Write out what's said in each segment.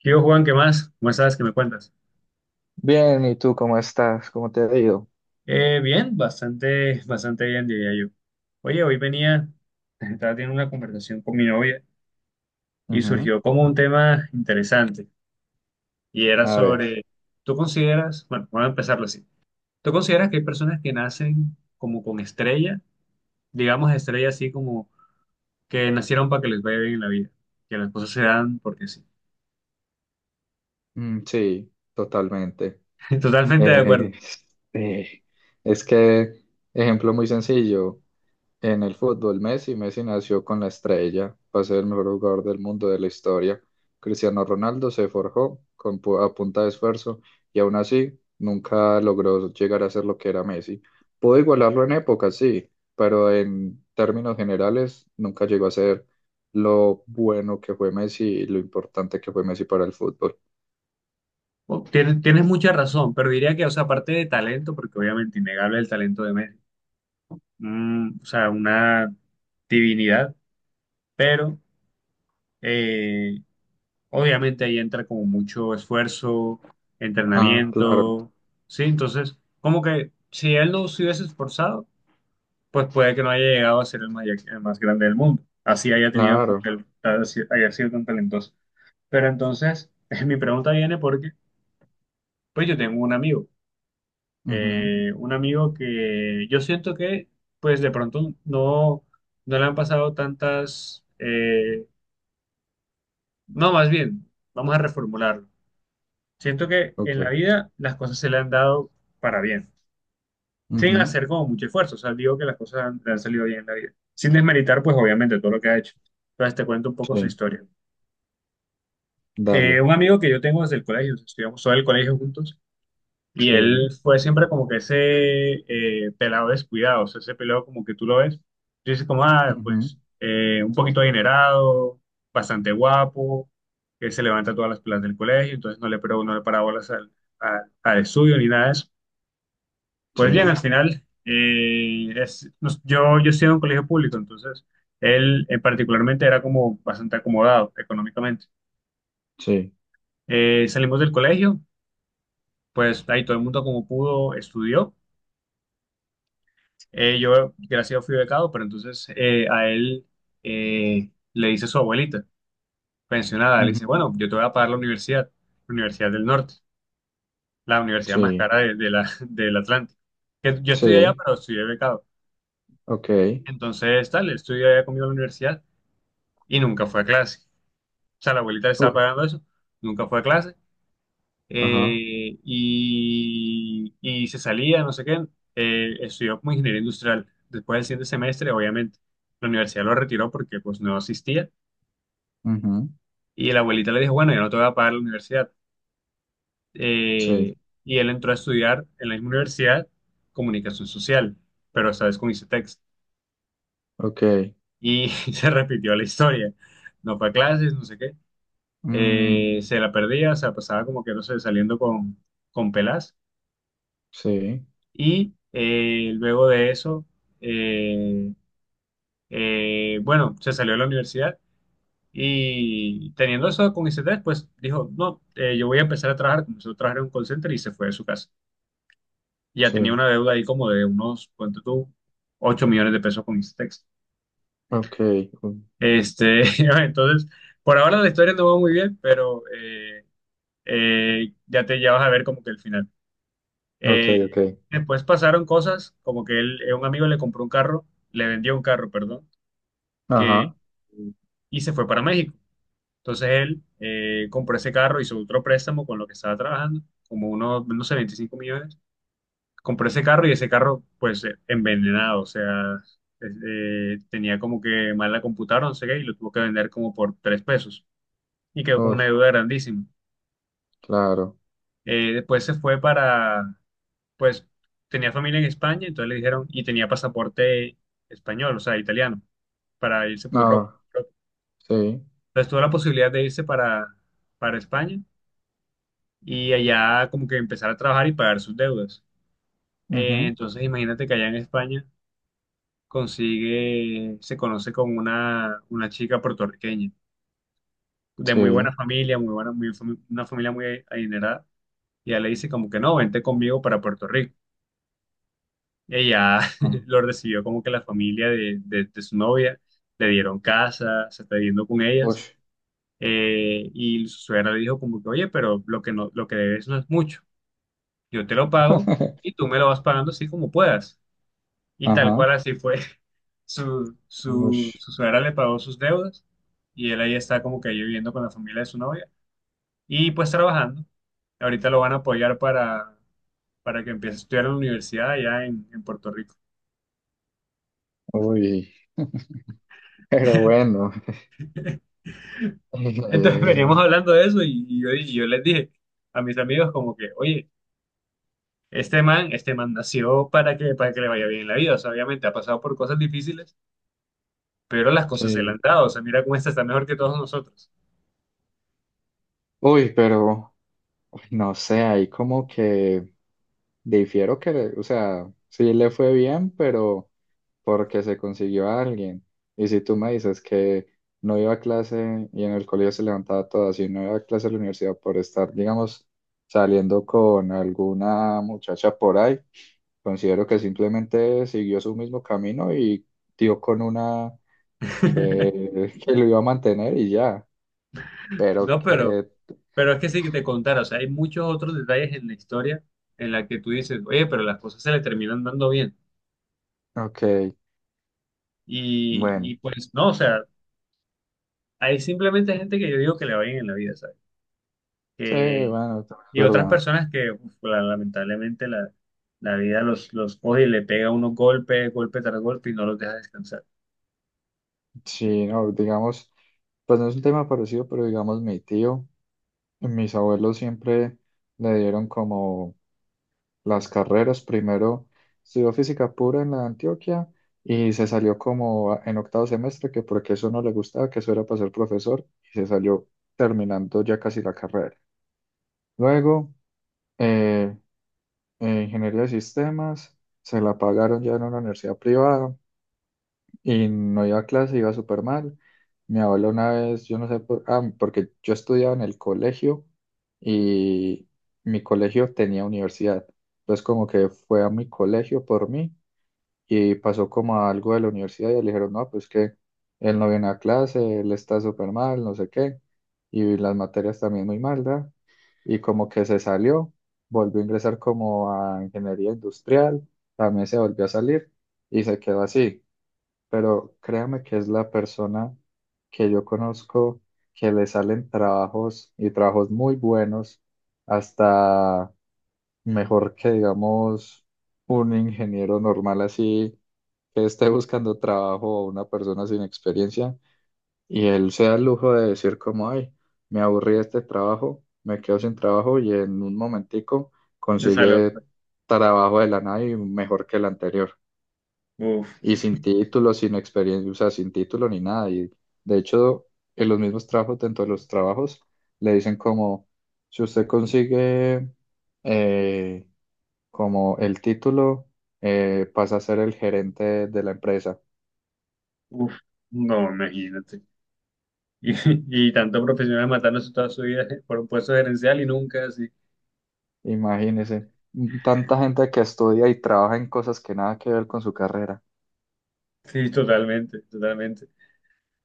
¿Qué hubo, Juan? ¿Qué más? ¿Cómo estás? ¿Qué me cuentas? Bien, ¿y tú cómo estás? ¿Cómo te ha ido? Bien, bastante bien, diría yo. Oye, hoy venía, estaba teniendo una conversación con mi novia y Ujú. surgió como un tema interesante y era A ver, sobre, ¿tú consideras, bueno, vamos a empezarlo así, ¿tú consideras que hay personas que nacen como con estrella, digamos estrella así como que nacieron para que les vaya bien en la vida, que las cosas se dan porque sí? mm, sí, totalmente. Totalmente de acuerdo. Eh, eh, es que, ejemplo muy sencillo, en el fútbol, Messi, Messi nació con la estrella para ser el mejor jugador del mundo de la historia. Cristiano Ronaldo se forjó con a punta de esfuerzo y aún así nunca logró llegar a ser lo que era Messi. Pudo igualarlo en épocas, sí, pero en términos generales nunca llegó a ser lo bueno que fue Messi y lo importante que fue Messi para el fútbol. Bueno, tienes mucha razón, pero diría que, o sea, aparte de talento, porque obviamente innegable el talento de Messi. O sea, una divinidad, pero eh, obviamente ahí entra como mucho esfuerzo, Ah, claro, entrenamiento. ¿Sí? Entonces, como que si él no se hubiese esforzado, pues puede que no haya llegado a ser el, el más grande del mundo, así haya tenido, como claro. que haya sido tan talentoso. Pero entonces, mi pregunta viene porque, pues yo tengo un amigo. Ujú. Un amigo que yo siento que, pues de pronto no, no le han pasado tantas, no, Más bien, vamos a reformularlo. Siento que Ok. en la vida las cosas se le han dado para bien, sin Ujú. hacer como mucho esfuerzo, o sea, digo que le han salido bien en la vida, sin desmeritar, pues obviamente todo lo que ha hecho. Entonces te cuento un poco su Sí, historia. Dale. Un amigo que yo tengo desde el colegio, estudiamos todo el colegio juntos. Y Sí. él fue siempre como que ese pelado descuidado, o sea, ese pelado como que tú lo ves, tú dices como, ah, Ujú. pues un poquito adinerado, bastante guapo, que se levanta todas las pelas del colegio, entonces pero no le para bolas al estudio ni nada de eso. Pues bien, al Sí, final, yo estoy en un colegio público, entonces él particularmente era como bastante acomodado económicamente. sí. Salimos del colegio, pues ahí todo el mundo como pudo estudió. Yo, gracias a Dios, fui becado, pero entonces a él le dice su abuelita, pensionada, le Ujú. dice, bueno, yo te voy a pagar la Universidad del Norte, la universidad más Sí, cara de del Atlántico. Que yo estudié allá, sí, pero estudié becado. ok. Entonces, tal, él estudió allá conmigo en la universidad y nunca fue a clase. O sea, la abuelita le estaba Uy, pagando eso, nunca fue a clase ajá, y se salía, no sé qué, estudió como ingeniería industrial. Después del siguiente semestre, obviamente, la universidad lo retiró porque pues no asistía ujú, y la abuelita le dijo, bueno, yo no te voy a pagar la universidad. sí, Eh, y él entró a estudiar en la misma universidad comunicación social, pero esta vez con ICETEX. ok. Y se repitió la historia. No fue a clases, no sé qué. Mm, Se la perdía, o sea, pasaba como que, no sé, saliendo con pelas. sí, Y luego de eso, eh, bueno, se salió de la universidad y teniendo eso con ICT, pues dijo, no, yo voy a empezar a trabajar, comenzó a trabajar en un call center y se fue de su casa. Ya tenía sí, una deuda ahí como de unos, ¿cuánto tú? 8 millones de pesos con ICETEX. ok, u- Este, entonces, por ahora la historia no va muy bien, pero ya vas a ver como que el final. ok, Eh, ok. Después pasaron cosas como que él, un amigo le vendió un carro, perdón, que Ajá, y se fue para México. Entonces él compró ese carro, hizo otro préstamo con lo que estaba trabajando, como unos, no sé, 25 millones. Compró ese carro y ese carro, pues, envenenado, o sea, es- tenía como que mal la computadora, no sé qué, y lo tuvo que vender como por tres pesos. Y quedó con uy, una deuda grandísima. claro. Después se fue para, pues, tenía familia en España, entonces le dijeron, y tenía pasaporte español, o sea, italiano, para irse por Europa. Ah, sí, Entonces tuvo la posibilidad de irse para España y allá como que empezar a trabajar y pagar sus deudas. Ujú, Entonces imagínate que allá en España consigue, se conoce con una chica puertorriqueña de muy buena sí, familia, muy buena, muy fami- una familia muy adinerada. Y ella le dice como que no, vente conmigo para Puerto Rico. Ella ah, lo recibió como que la familia de su novia, le dieron casa, se está viviendo con uy, ellas. Y su suegra le dijo como que, oye, lo que debes no es mucho. Yo te lo pago y tú me lo vas pagando así como puedas. Y tal ajá, cual así fue. Uy, Su suegra le pagó sus deudas y él ahí está como que ahí viviendo con la familia de su novia y pues trabajando. Ahorita lo van a apoyar para que empiece a estudiar en la universidad allá en Puerto Rico. uy, pero bueno, Entonces veníamos eh, hablando de eso y yo les dije a mis amigos como que, oye, este man nació para que le vaya bien en la vida. O sea, obviamente ha pasado por cosas difíciles, pero las cosas se le han sí. dado. O sea, mira cómo esta está mejor que todos nosotros. Uy, pero, uy, no sé, ahí como que difiero que, o sea, sí le fue bien, pero porque se consiguió a alguien. Y si tú me dices que no iba a clase y en el colegio se levantaba todas y no iba a clase a la universidad por estar, digamos, saliendo con alguna muchacha por ahí, considero que simplemente siguió su mismo camino y dio con una que lo iba a mantener y ya. Pero No, que, pero es que sí que te contara, o sea, hay muchos otros detalles en la historia en la que tú dices, oye, pero las cosas se le terminan dando bien. ok, Y, bueno, y pues no, o sea, hay simplemente gente que yo digo que le va bien en la vida, ¿sabes? sí, Que, bueno, es y otras verdad. personas que uf, lamentablemente la vida los coge y le pega unos golpes, golpe tras golpe y no los deja descansar. Sí, no, digamos, pues no es un tema parecido, pero digamos mi tío. Mis abuelos siempre le dieron como las carreras. Primero estudió física pura en la Antioquia y se salió como en octavo semestre, que porque eso no le gustaba, que eso era para ser profesor, y se salió terminando ya casi la carrera. Luego, eh, ingeniería de sistemas, se la pagaron ya en una universidad privada. Y no iba a clase, iba súper mal. Mi abuela una vez, yo no sé por, ah, porque yo estudiaba en el colegio y mi colegio tenía universidad. Entonces como que fue a mi colegio por mí y pasó como a algo de la universidad y le dijeron, no, pues que él no viene a clase, él está súper mal, no sé qué. Y las materias también muy mal, ¿da? Y como que se salió, volvió a ingresar como a ingeniería industrial, también se volvió a salir y se quedó así, pero créame que es la persona que yo conozco que le salen trabajos y trabajos muy buenos, hasta mejor que, digamos, un ingeniero normal así que esté buscando trabajo o una persona sin experiencia, y él se da el lujo de decir como, ay, me aburrí de este trabajo, me quedo sin trabajo y en un momentico De salud. consigue trabajo de la nada y mejor que el anterior, y Uf, sin título, sin experiencia, o sea, sin título ni nada. Y de hecho, en los mismos trabajos, dentro de los trabajos, le dicen como, si usted consigue eh, como el título, pasa a ser el gerente de la empresa. uf, no, imagínate. Y, y tanto profesionales matándose toda su vida por un puesto gerencial y nunca así. Imagínese, tanta gente que estudia y trabaja en cosas que nada que ver con su carrera. Sí, totalmente, totalmente.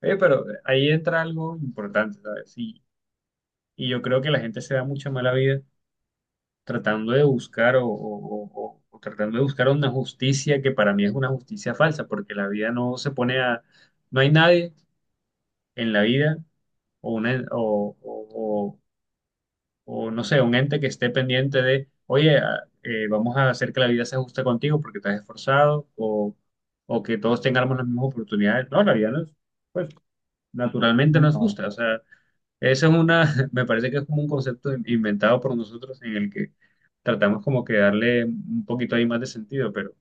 Oye, pero ahí entra algo importante, ¿sabes? Y yo creo que la gente se da mucha mala vida tratando de buscar o tratando de buscar una justicia que para mí es una justicia falsa, porque la vida no se pone a... No hay nadie en la vida o, una- o, no sé, un ente que esté pendiente de, oye, vamos a hacer que la vida sea justa contigo porque te has esforzado o que todos tengamos las mismas oportunidades. No, la vida no es... Pues, naturalmente nos No. gusta. O sea, eso es una, me parece que es como un concepto inventado por nosotros en el que tratamos como que darle un poquito ahí más de sentido, pero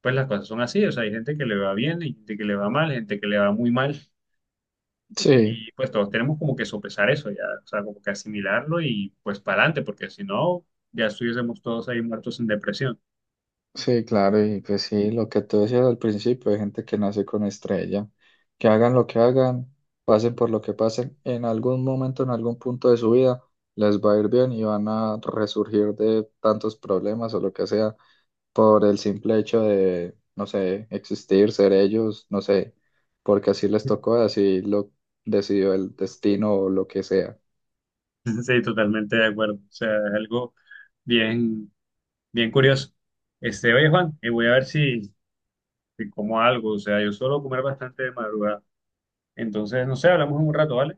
pues las cosas son así. O sea, hay gente que le va bien, hay gente que le va mal, gente que le va muy mal. Sí. Y pues todos tenemos como que sopesar eso ya, o sea, como que asimilarlo y pues para adelante, porque si no, ya estuviésemos todos ahí muertos en depresión. Sí, claro, y pues sí, lo que tú decías al principio, hay gente que nace con estrella, que hagan lo que hagan, pasen por lo que pasen, en algún momento, en algún punto de su vida, les va a ir bien y van a resurgir de tantos problemas o lo que sea, por el simple hecho de, no sé, existir, ser ellos, no sé, porque así les tocó, así lo decidió el destino o lo que sea. Sí, totalmente de acuerdo. O sea, es algo bien, bien curioso. Este, oye, Juan, voy a ver si, si como algo, o sea, yo suelo comer bastante de madrugada. Entonces, no sé, hablamos en un rato, ¿vale?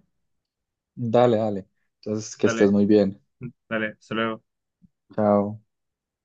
Dale, dale. Entonces, que estés Dale, muy bien. dale, hasta luego. Chao.